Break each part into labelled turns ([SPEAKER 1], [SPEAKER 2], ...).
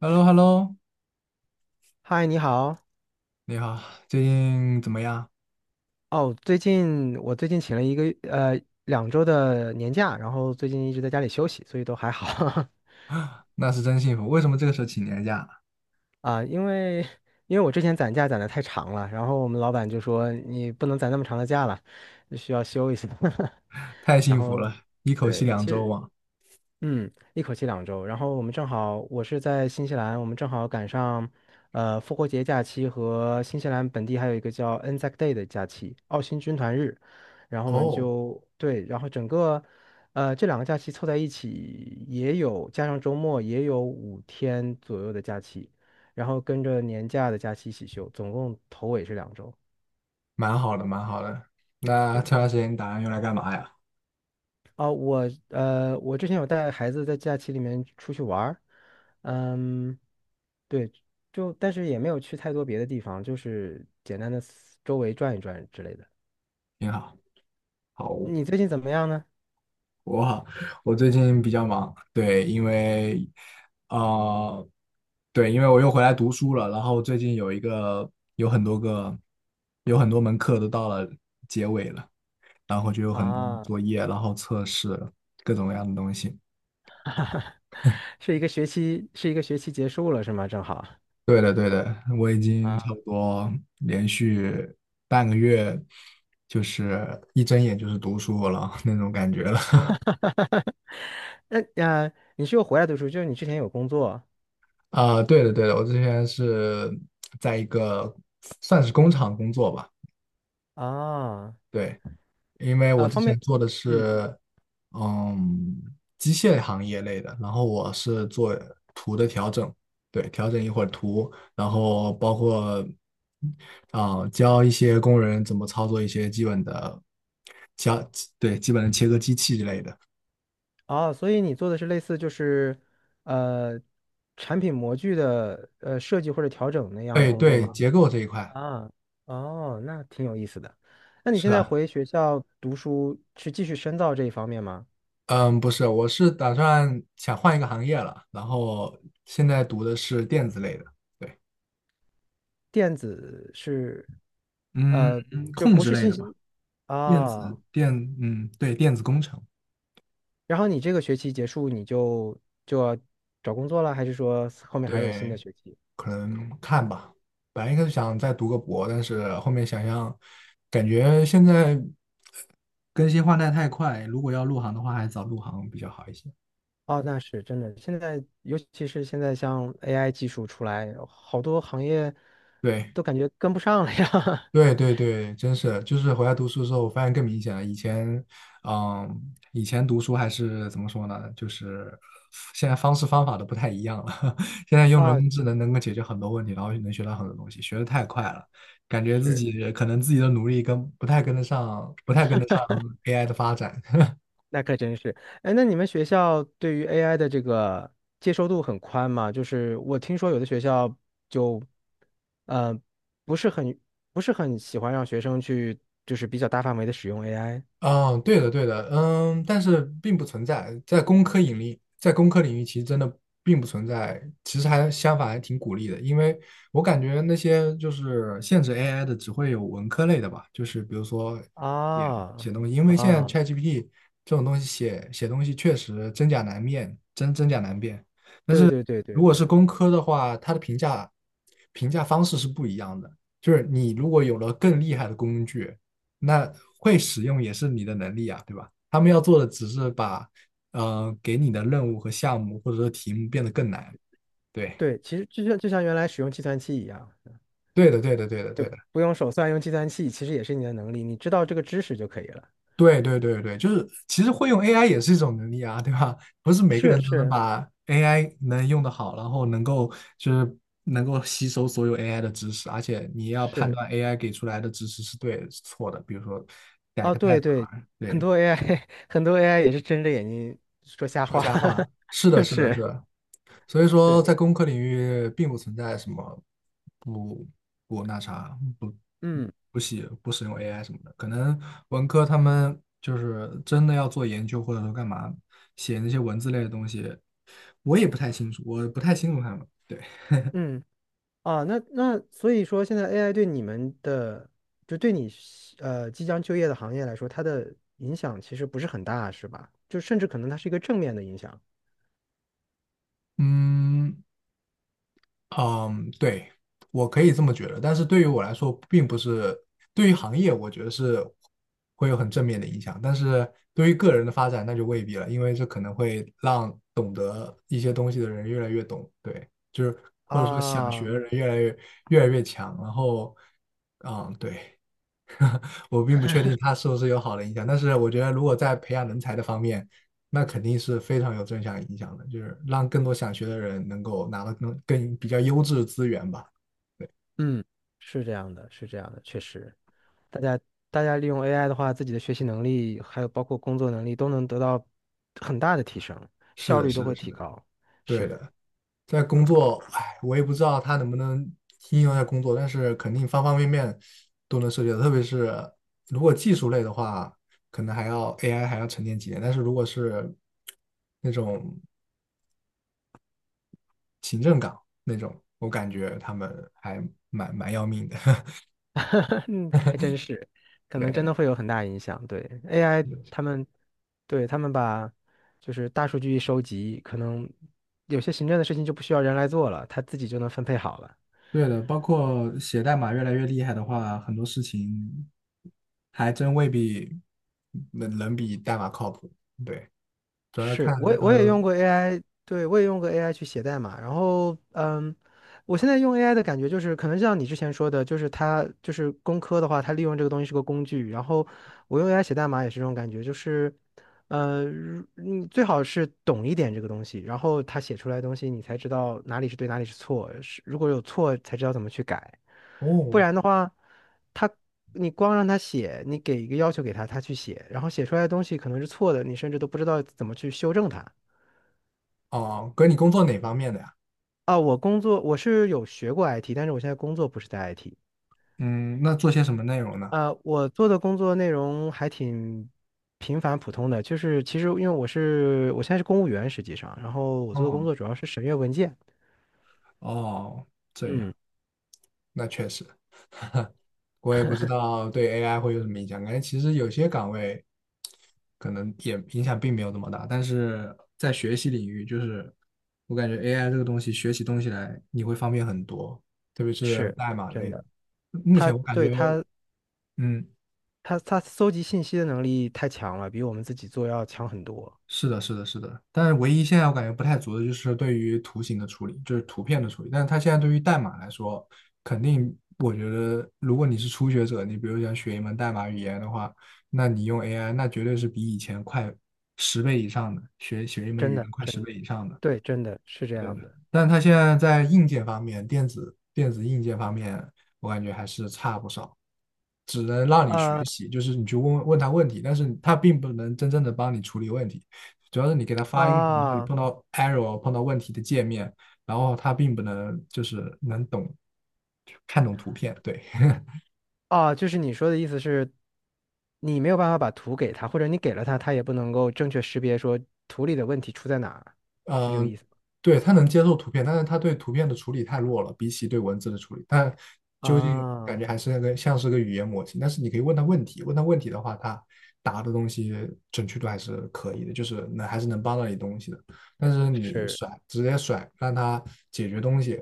[SPEAKER 1] h e l l o h e l l o
[SPEAKER 2] 嗨，你好。
[SPEAKER 1] 你好，最近怎么样？
[SPEAKER 2] 哦，最近请了一个两周的年假，然后最近一直在家里休息，所以都还好。
[SPEAKER 1] 那是真幸福。为什么这个时候请年假？
[SPEAKER 2] 啊。因为我之前攒假攒的太长了，然后我们老板就说你不能攒那么长的假了，需要休一下。
[SPEAKER 1] 太
[SPEAKER 2] 然
[SPEAKER 1] 幸福
[SPEAKER 2] 后
[SPEAKER 1] 了，一口气
[SPEAKER 2] 对，
[SPEAKER 1] 两
[SPEAKER 2] 其
[SPEAKER 1] 周
[SPEAKER 2] 实
[SPEAKER 1] 嘛。
[SPEAKER 2] 一口气两周。然后我们正好，我是在新西兰，我们正好赶上，复活节假期和新西兰本地还有一个叫 Anzac Day 的假期，澳新军团日。然后我们
[SPEAKER 1] 哦，
[SPEAKER 2] 就对，然后整个，这两个假期凑在一起，也有加上周末也有5天左右的假期，然后跟着年假的假期一起休，总共头尾是两周。
[SPEAKER 1] 蛮好的，蛮好的。那
[SPEAKER 2] 对，
[SPEAKER 1] 这段时间你打算用来干嘛呀？
[SPEAKER 2] 哦，我之前有带孩子在假期里面出去玩儿，嗯。对，就但是也没有去太多别的地方，就是简单的周围转一转之类的。
[SPEAKER 1] 你好。好，
[SPEAKER 2] 你最近怎么样呢？
[SPEAKER 1] 我我最近比较忙，对，因为啊，对，因为我又回来读书了，然后最近有很多个有很多门课都到了结尾了，然后就有很多
[SPEAKER 2] 啊，
[SPEAKER 1] 作业，然后测试各种各样的东西。
[SPEAKER 2] 是一个学期结束了是吗？正好
[SPEAKER 1] 对的，对的，我已经差
[SPEAKER 2] 啊，
[SPEAKER 1] 不多连续半个月，就是一睁眼就是读书了 那种感觉了。
[SPEAKER 2] 那啊，你是又回来读书，就是你之前有工作。
[SPEAKER 1] 对的，对的，我之前是在一个算是工厂工作吧，
[SPEAKER 2] 啊
[SPEAKER 1] 对，因为
[SPEAKER 2] 啊，
[SPEAKER 1] 我之
[SPEAKER 2] 方便，
[SPEAKER 1] 前做的
[SPEAKER 2] 嗯，
[SPEAKER 1] 是，嗯，机械行业类的，然后我是做图的调整，对，调整一会儿图，然后包括教一些工人怎么操作一些基本的切，对，基本的切割机器之类的。
[SPEAKER 2] 哦，所以你做的是类似就是呃产品模具的设计或者调整那样的
[SPEAKER 1] 对
[SPEAKER 2] 工作
[SPEAKER 1] 对，
[SPEAKER 2] 吗？
[SPEAKER 1] 结构这一块
[SPEAKER 2] 啊，哦，那挺有意思的。那你现
[SPEAKER 1] 是
[SPEAKER 2] 在
[SPEAKER 1] 啊，
[SPEAKER 2] 回学校读书，去继续深造这一方面吗？
[SPEAKER 1] 嗯，不是，我是打算想换一个行业了，然后现在读的是电子类的，对，
[SPEAKER 2] 电子是，
[SPEAKER 1] 嗯，
[SPEAKER 2] 呃，就
[SPEAKER 1] 控
[SPEAKER 2] 不
[SPEAKER 1] 制
[SPEAKER 2] 是
[SPEAKER 1] 类
[SPEAKER 2] 信
[SPEAKER 1] 的吧。
[SPEAKER 2] 息
[SPEAKER 1] 电子
[SPEAKER 2] 啊。
[SPEAKER 1] 电，嗯，对，电子工程。
[SPEAKER 2] 然后你这个学期结束，你就要找工作了，还是说后面还有新的
[SPEAKER 1] 对，
[SPEAKER 2] 学期？
[SPEAKER 1] 可能看吧。本来一开始想再读个博，但是后面想想，感觉现在更新换代太快，如果要入行的话，还是早入行比较好一些。
[SPEAKER 2] 哦，那是真的。现在，尤其是现在像 AI 技术出来，好多行业
[SPEAKER 1] 对。
[SPEAKER 2] 都感觉跟不上了呀。
[SPEAKER 1] 对 对对，真是，就是回来读书的时候，我发现更明显了。嗯，以前读书还是怎么说呢？就是现在方式方法都不太一样了。现在用人
[SPEAKER 2] 啊，
[SPEAKER 1] 工智能能够解决很多问题，然后能学到很多东西，学的太快了，感觉
[SPEAKER 2] 是。
[SPEAKER 1] 自己的努力跟不太跟得上，不太跟得上 AI 的发展。
[SPEAKER 2] 那可真是，哎，那你们学校对于 AI 的这个接受度很宽吗？就是我听说有的学校就，呃，不是很不是很喜欢让学生去，就是比较大范围的使用 AI。
[SPEAKER 1] 嗯，对的，对的，嗯，但是并不存在在工科引力，在工科领域其实真的并不存在，其实还相反还挺鼓励的，因为我感觉那些就是限制 AI 的只会有文科类的吧，就是比如说写写
[SPEAKER 2] 啊
[SPEAKER 1] 东西，因为现在
[SPEAKER 2] 啊，
[SPEAKER 1] ChatGPT 这种东西写东西确实真假难辨，
[SPEAKER 2] 对对对对
[SPEAKER 1] 如果
[SPEAKER 2] 对
[SPEAKER 1] 是工科的话，它的评价方式是不一样的。就是你如果有了更厉害的工具，那会使用也是你的能力啊，对吧？他们要做的只是把给你的任务和项目或者说题目变得更难。对，
[SPEAKER 2] 对，其实就像原来使用计算器一样，
[SPEAKER 1] 对的，对的，对的，对的。
[SPEAKER 2] 不用手算，用计算器其实也是你的能力，你知道这个知识就可以了。
[SPEAKER 1] 对对对对，就是其实会用 AI 也是一种能力啊，对吧？不是每个
[SPEAKER 2] 是
[SPEAKER 1] 人都能
[SPEAKER 2] 是。
[SPEAKER 1] 把 AI 能用得好，然后能够吸收所有 AI 的知识，而且你要判
[SPEAKER 2] 是。
[SPEAKER 1] 断 AI 给出来的知识是对是错的，比如说改
[SPEAKER 2] 啊，
[SPEAKER 1] 个代
[SPEAKER 2] 对对，
[SPEAKER 1] 码，
[SPEAKER 2] 很
[SPEAKER 1] 对，
[SPEAKER 2] 多 AI 很多 AI 也是睁着眼睛说瞎
[SPEAKER 1] 说
[SPEAKER 2] 话。
[SPEAKER 1] 瞎话，是的，是的，是
[SPEAKER 2] 是
[SPEAKER 1] 的。所以说，
[SPEAKER 2] 是，
[SPEAKER 1] 在工科领域并不存在什么不不那啥，不
[SPEAKER 2] 嗯
[SPEAKER 1] 不写不使用 AI 什么的，可能文科他们就是真的要做研究或者说干嘛写那些文字类的东西，我不太清楚他们。对，
[SPEAKER 2] 嗯啊，那所以说现在 AI 对你们的，就对你即将就业的行业来说，它的影响其实不是很大，是吧？就甚至可能它是一个正面的影响。
[SPEAKER 1] 嗯，嗯，对，我可以这么觉得，但是对于我来说，并不是对于行业，我觉得是会有很正面的影响，但是对于个人的发展，那就未必了，因为这可能会让懂得一些东西的人越来越懂，对，就是或者说想学
[SPEAKER 2] 啊，
[SPEAKER 1] 的人越来越强，然后，嗯，对。我并不确定它是不是有好的影响，但是我觉得如果在培养人才的方面，那肯定是非常有正向影响的，就是让更多想学的人能够拿到更比较优质的资源吧。
[SPEAKER 2] 嗯，是这样的，是这样的，确实。大家大家利用 AI 的话，自己的学习能力还有包括工作能力都能得到很大的提升，
[SPEAKER 1] 是
[SPEAKER 2] 效
[SPEAKER 1] 的，
[SPEAKER 2] 率都
[SPEAKER 1] 是的，
[SPEAKER 2] 会
[SPEAKER 1] 是
[SPEAKER 2] 提
[SPEAKER 1] 的，
[SPEAKER 2] 高。
[SPEAKER 1] 对
[SPEAKER 2] 是，
[SPEAKER 1] 的。在工作，哎，我也不知道它能不能应用在工作，但是肯定方方面面都能涉及到，特别是如果技术类的话，可能还要 AI 还要沉淀几年，但是如果是那种行政岗那种，我感觉他们还蛮要命的。
[SPEAKER 2] 嗯，还真是，可能真
[SPEAKER 1] 对，
[SPEAKER 2] 的会有很大影响。对 AI，他们把就是大数据一收集，可能有些行政的事情就不需要人来做了，他自己就能分配好了。
[SPEAKER 1] 对的，包括写代码越来越厉害的话，很多事情还真未必能比代码靠谱。对，主要
[SPEAKER 2] 是，
[SPEAKER 1] 看
[SPEAKER 2] 我也
[SPEAKER 1] 到
[SPEAKER 2] 我也
[SPEAKER 1] 时
[SPEAKER 2] 用
[SPEAKER 1] 候
[SPEAKER 2] 过 AI，对，我也用过 AI 去写代码。然后，我现在用 AI 的感觉就是，可能像你之前说的，就是它就是工科的话，它利用这个东西是个工具。然后我用 AI 写代码也是这种感觉，就是，如你最好是懂一点这个东西，然后它写出来的东西你才知道哪里是对，哪里是错，是如果有错才知道怎么去改。不
[SPEAKER 1] 哦
[SPEAKER 2] 然的话，他你光让他写，你给一个要求给他，他去写，然后写出来的东西可能是错的，你甚至都不知道怎么去修正它。
[SPEAKER 1] 哦，哥，你工作哪方面的呀？
[SPEAKER 2] 啊，我工作我是有学过 IT，但是我现在工作不是在 IT。
[SPEAKER 1] 嗯，那做些什么内容呢？
[SPEAKER 2] 啊，我做的工作内容还挺平凡普通的，就是其实因为我现在是公务员，实际上，然后我做的工
[SPEAKER 1] 哦
[SPEAKER 2] 作主要是审阅文件。
[SPEAKER 1] 哦，这样，
[SPEAKER 2] 嗯，
[SPEAKER 1] 那确实。我也不知道对 AI 会有什么影响。感觉其实有些岗位可能也影响并没有那么大，但是在学习领域，就是我感觉 AI 这个东西学起东西来你会方便很多，特别是
[SPEAKER 2] 是
[SPEAKER 1] 代码
[SPEAKER 2] 真
[SPEAKER 1] 类的。
[SPEAKER 2] 的，
[SPEAKER 1] 目
[SPEAKER 2] 他
[SPEAKER 1] 前我感
[SPEAKER 2] 对
[SPEAKER 1] 觉，
[SPEAKER 2] 他
[SPEAKER 1] 嗯，
[SPEAKER 2] 他他搜集信息的能力太强了，比我们自己做要强很多。
[SPEAKER 1] 是的，是的，是的，但是唯一现在我感觉不太足的就是对于图形的处理，就是图片的处理。但是它现在对于代码来说，肯定我觉得，如果你是初学者，你比如想学一门代码语言的话，那你用 AI，那绝对是比以前快十倍以上的，学一门
[SPEAKER 2] 真
[SPEAKER 1] 语
[SPEAKER 2] 的
[SPEAKER 1] 言快十
[SPEAKER 2] 真的，
[SPEAKER 1] 倍以上的。
[SPEAKER 2] 对，真的是这
[SPEAKER 1] 对，
[SPEAKER 2] 样的。
[SPEAKER 1] 但它现在在硬件方面，电子硬件方面，我感觉还是差不少，只能让你学
[SPEAKER 2] 啊
[SPEAKER 1] 习，就是你去问问他问题，但是他并不能真正的帮你处理问题，主要是你给他发一个，比如说你
[SPEAKER 2] 啊
[SPEAKER 1] 碰到问题的界面，然后他并不能就是能懂看懂图片，对，
[SPEAKER 2] 啊，就是你说的意思是，你没有办法把图给他，或者你给了他，他也不能够正确识别说图里的问题出在哪儿，是这个
[SPEAKER 1] 嗯、
[SPEAKER 2] 意思吗？
[SPEAKER 1] 对，他能接受图片，但是他对图片的处理太弱了，比起对文字的处理，但究竟
[SPEAKER 2] 啊，
[SPEAKER 1] 感觉还是那个像是个语言模型。但是你可以问他问题的话，他答的东西准确度还是可以的，就是能还是能帮到你东西的。但是你
[SPEAKER 2] 是，
[SPEAKER 1] 直接让他解决东西，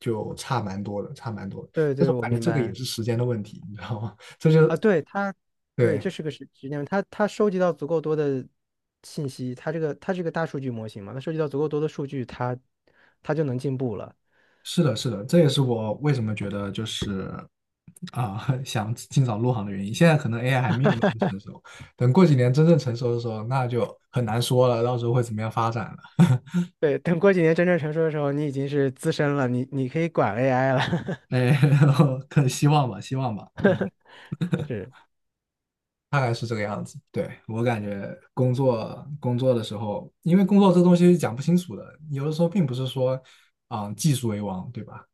[SPEAKER 1] 就差蛮多的，差蛮多的。
[SPEAKER 2] 对
[SPEAKER 1] 但是
[SPEAKER 2] 对，
[SPEAKER 1] 我
[SPEAKER 2] 我
[SPEAKER 1] 感觉
[SPEAKER 2] 明
[SPEAKER 1] 这个也
[SPEAKER 2] 白
[SPEAKER 1] 是时间的问题，你知道吗？这就
[SPEAKER 2] 啊，对他，对，
[SPEAKER 1] 对。
[SPEAKER 2] 这是个时间问题，他收集到足够多的信息，他这个大数据模型嘛，他收集到足够多的数据，他就能进步了。
[SPEAKER 1] 是的，是的，这也是我为什么觉得就是想尽早入行的原因。现在可能 AI 还没有那么成熟，等过几年真正成熟的时候，那就很难说了，到时候会怎么样发展了。
[SPEAKER 2] 对，等过几年真正成熟的时候，你已经是资深了，你可以管 AI 了。
[SPEAKER 1] 哎，然后可希望吧，希望吧。嗯，
[SPEAKER 2] 是，
[SPEAKER 1] 对，我感觉工作的时候，因为工作这东西是讲不清楚的，有的时候并不是说技术为王，对吧？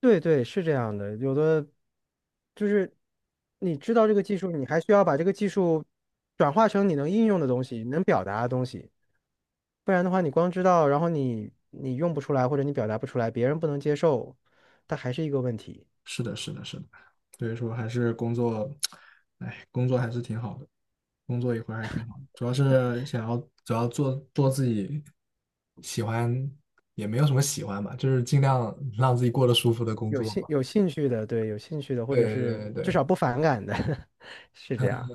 [SPEAKER 2] 对对，是这样的。有的就是你知道这个技术，你还需要把这个技术转化成你能应用的东西，能表达的东西。不然的话，你光知道，然后你用不出来，或者你表达不出来，别人不能接受，它还是一个问题。
[SPEAKER 1] 是的，是的，是的，所以说还是工作，哎，工作还是挺好的，工作一会儿还挺好的，主要是想要主要做做自己喜欢，也没有什么喜欢吧，就是尽量让自己过得舒服的工
[SPEAKER 2] 有
[SPEAKER 1] 作
[SPEAKER 2] 兴
[SPEAKER 1] 吧。
[SPEAKER 2] 有兴趣的，对，有兴趣的，或
[SPEAKER 1] 对
[SPEAKER 2] 者
[SPEAKER 1] 对
[SPEAKER 2] 是
[SPEAKER 1] 对
[SPEAKER 2] 至
[SPEAKER 1] 对，
[SPEAKER 2] 少不反感的。是这样。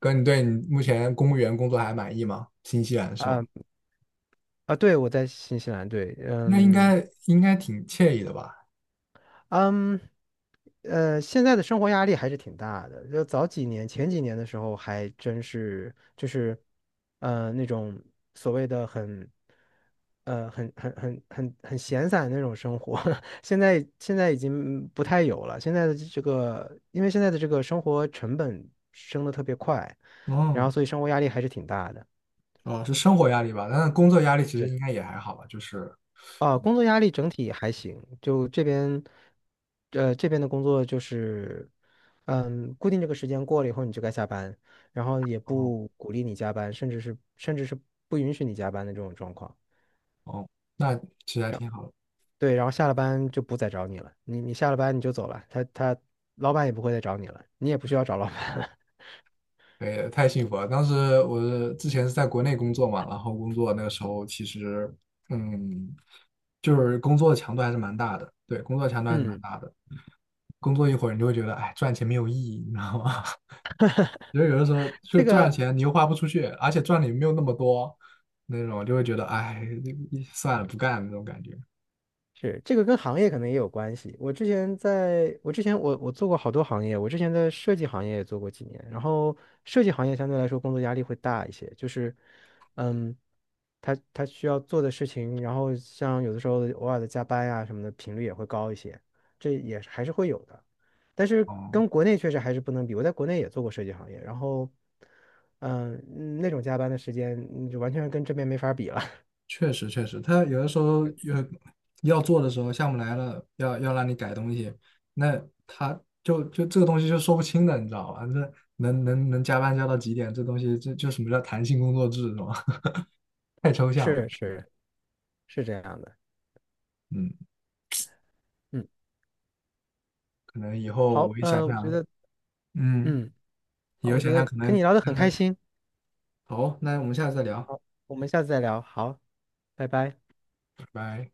[SPEAKER 1] 哥，你对你目前公务员工作还满意吗？新西兰是吗？
[SPEAKER 2] 啊啊，对，我在新西兰，对，
[SPEAKER 1] 那应
[SPEAKER 2] 嗯。
[SPEAKER 1] 该应该挺惬意的吧？
[SPEAKER 2] 嗯，现在的生活压力还是挺大的。就早几年、前几年的时候，还真是就是，那种所谓的很，很闲散的那种生活。现在已经不太有了。现在的这个，因为现在的这个生活成本升的特别快，然后
[SPEAKER 1] 哦
[SPEAKER 2] 所以生活压力还是挺大的。
[SPEAKER 1] 哦，是生活压力吧？但是工作压力其实
[SPEAKER 2] 对。
[SPEAKER 1] 应该也还好吧，就是
[SPEAKER 2] 啊，工作压力整体还行，就这边，这边的工作就是，固定这个时间过了以后你就该下班，然后也
[SPEAKER 1] 哦
[SPEAKER 2] 不鼓励你加班，甚至是不允许你加班的这种状况。
[SPEAKER 1] 哦，那其实还挺好的。
[SPEAKER 2] 对，然后下了班就不再找你了，你下了班你就走了，他老板也不会再找你了，你也不需要找老板了。
[SPEAKER 1] 对，太幸福了。当时我之前是在国内工作嘛，然后工作那个时候其实，嗯，就是工作的强度还是蛮大的。对，工作强 度还是蛮
[SPEAKER 2] 嗯，
[SPEAKER 1] 大的。工作一会儿，你就会觉得，哎，赚钱没有意义，你知道吗？就是有的时候就
[SPEAKER 2] 这
[SPEAKER 1] 赚了
[SPEAKER 2] 个
[SPEAKER 1] 钱，你又花不出去，而且赚的也没有那么多，那种就会觉得，哎，算了，不干了那种感觉。
[SPEAKER 2] 是，这个跟行业可能也有关系。我之前我做过好多行业，我之前在设计行业也做过几年，然后设计行业相对来说工作压力会大一些，就是，嗯，他需要做的事情，然后像有的时候偶尔的加班呀、什么的频率也会高一些，这也是还是会有的，但是
[SPEAKER 1] 哦、
[SPEAKER 2] 跟国内确实还是不能比。我在国内也做过设计行业，然后，嗯，那种加班的时间，就完全跟这边没法比了。
[SPEAKER 1] 确实确实，他有的时候要做的时候，项目来了，要让你改东西，那他就这个东西就说不清的，你知道吧？这能加班加到几点？这东西这就什么叫弹性工作制，是吧？太抽象了。
[SPEAKER 2] 是是是这样的。
[SPEAKER 1] 嗯，
[SPEAKER 2] 嗯。
[SPEAKER 1] 可能以后
[SPEAKER 2] 好，
[SPEAKER 1] 我一想
[SPEAKER 2] 嗯、我觉
[SPEAKER 1] 想，
[SPEAKER 2] 得，
[SPEAKER 1] 嗯，
[SPEAKER 2] 嗯，
[SPEAKER 1] 以
[SPEAKER 2] 好，
[SPEAKER 1] 后
[SPEAKER 2] 我觉
[SPEAKER 1] 想想
[SPEAKER 2] 得
[SPEAKER 1] 可
[SPEAKER 2] 跟
[SPEAKER 1] 能
[SPEAKER 2] 你聊得很
[SPEAKER 1] 看
[SPEAKER 2] 开
[SPEAKER 1] 看。
[SPEAKER 2] 心，
[SPEAKER 1] 好，那我们下次再聊，
[SPEAKER 2] 我们下次再聊，好，拜拜。
[SPEAKER 1] 拜拜。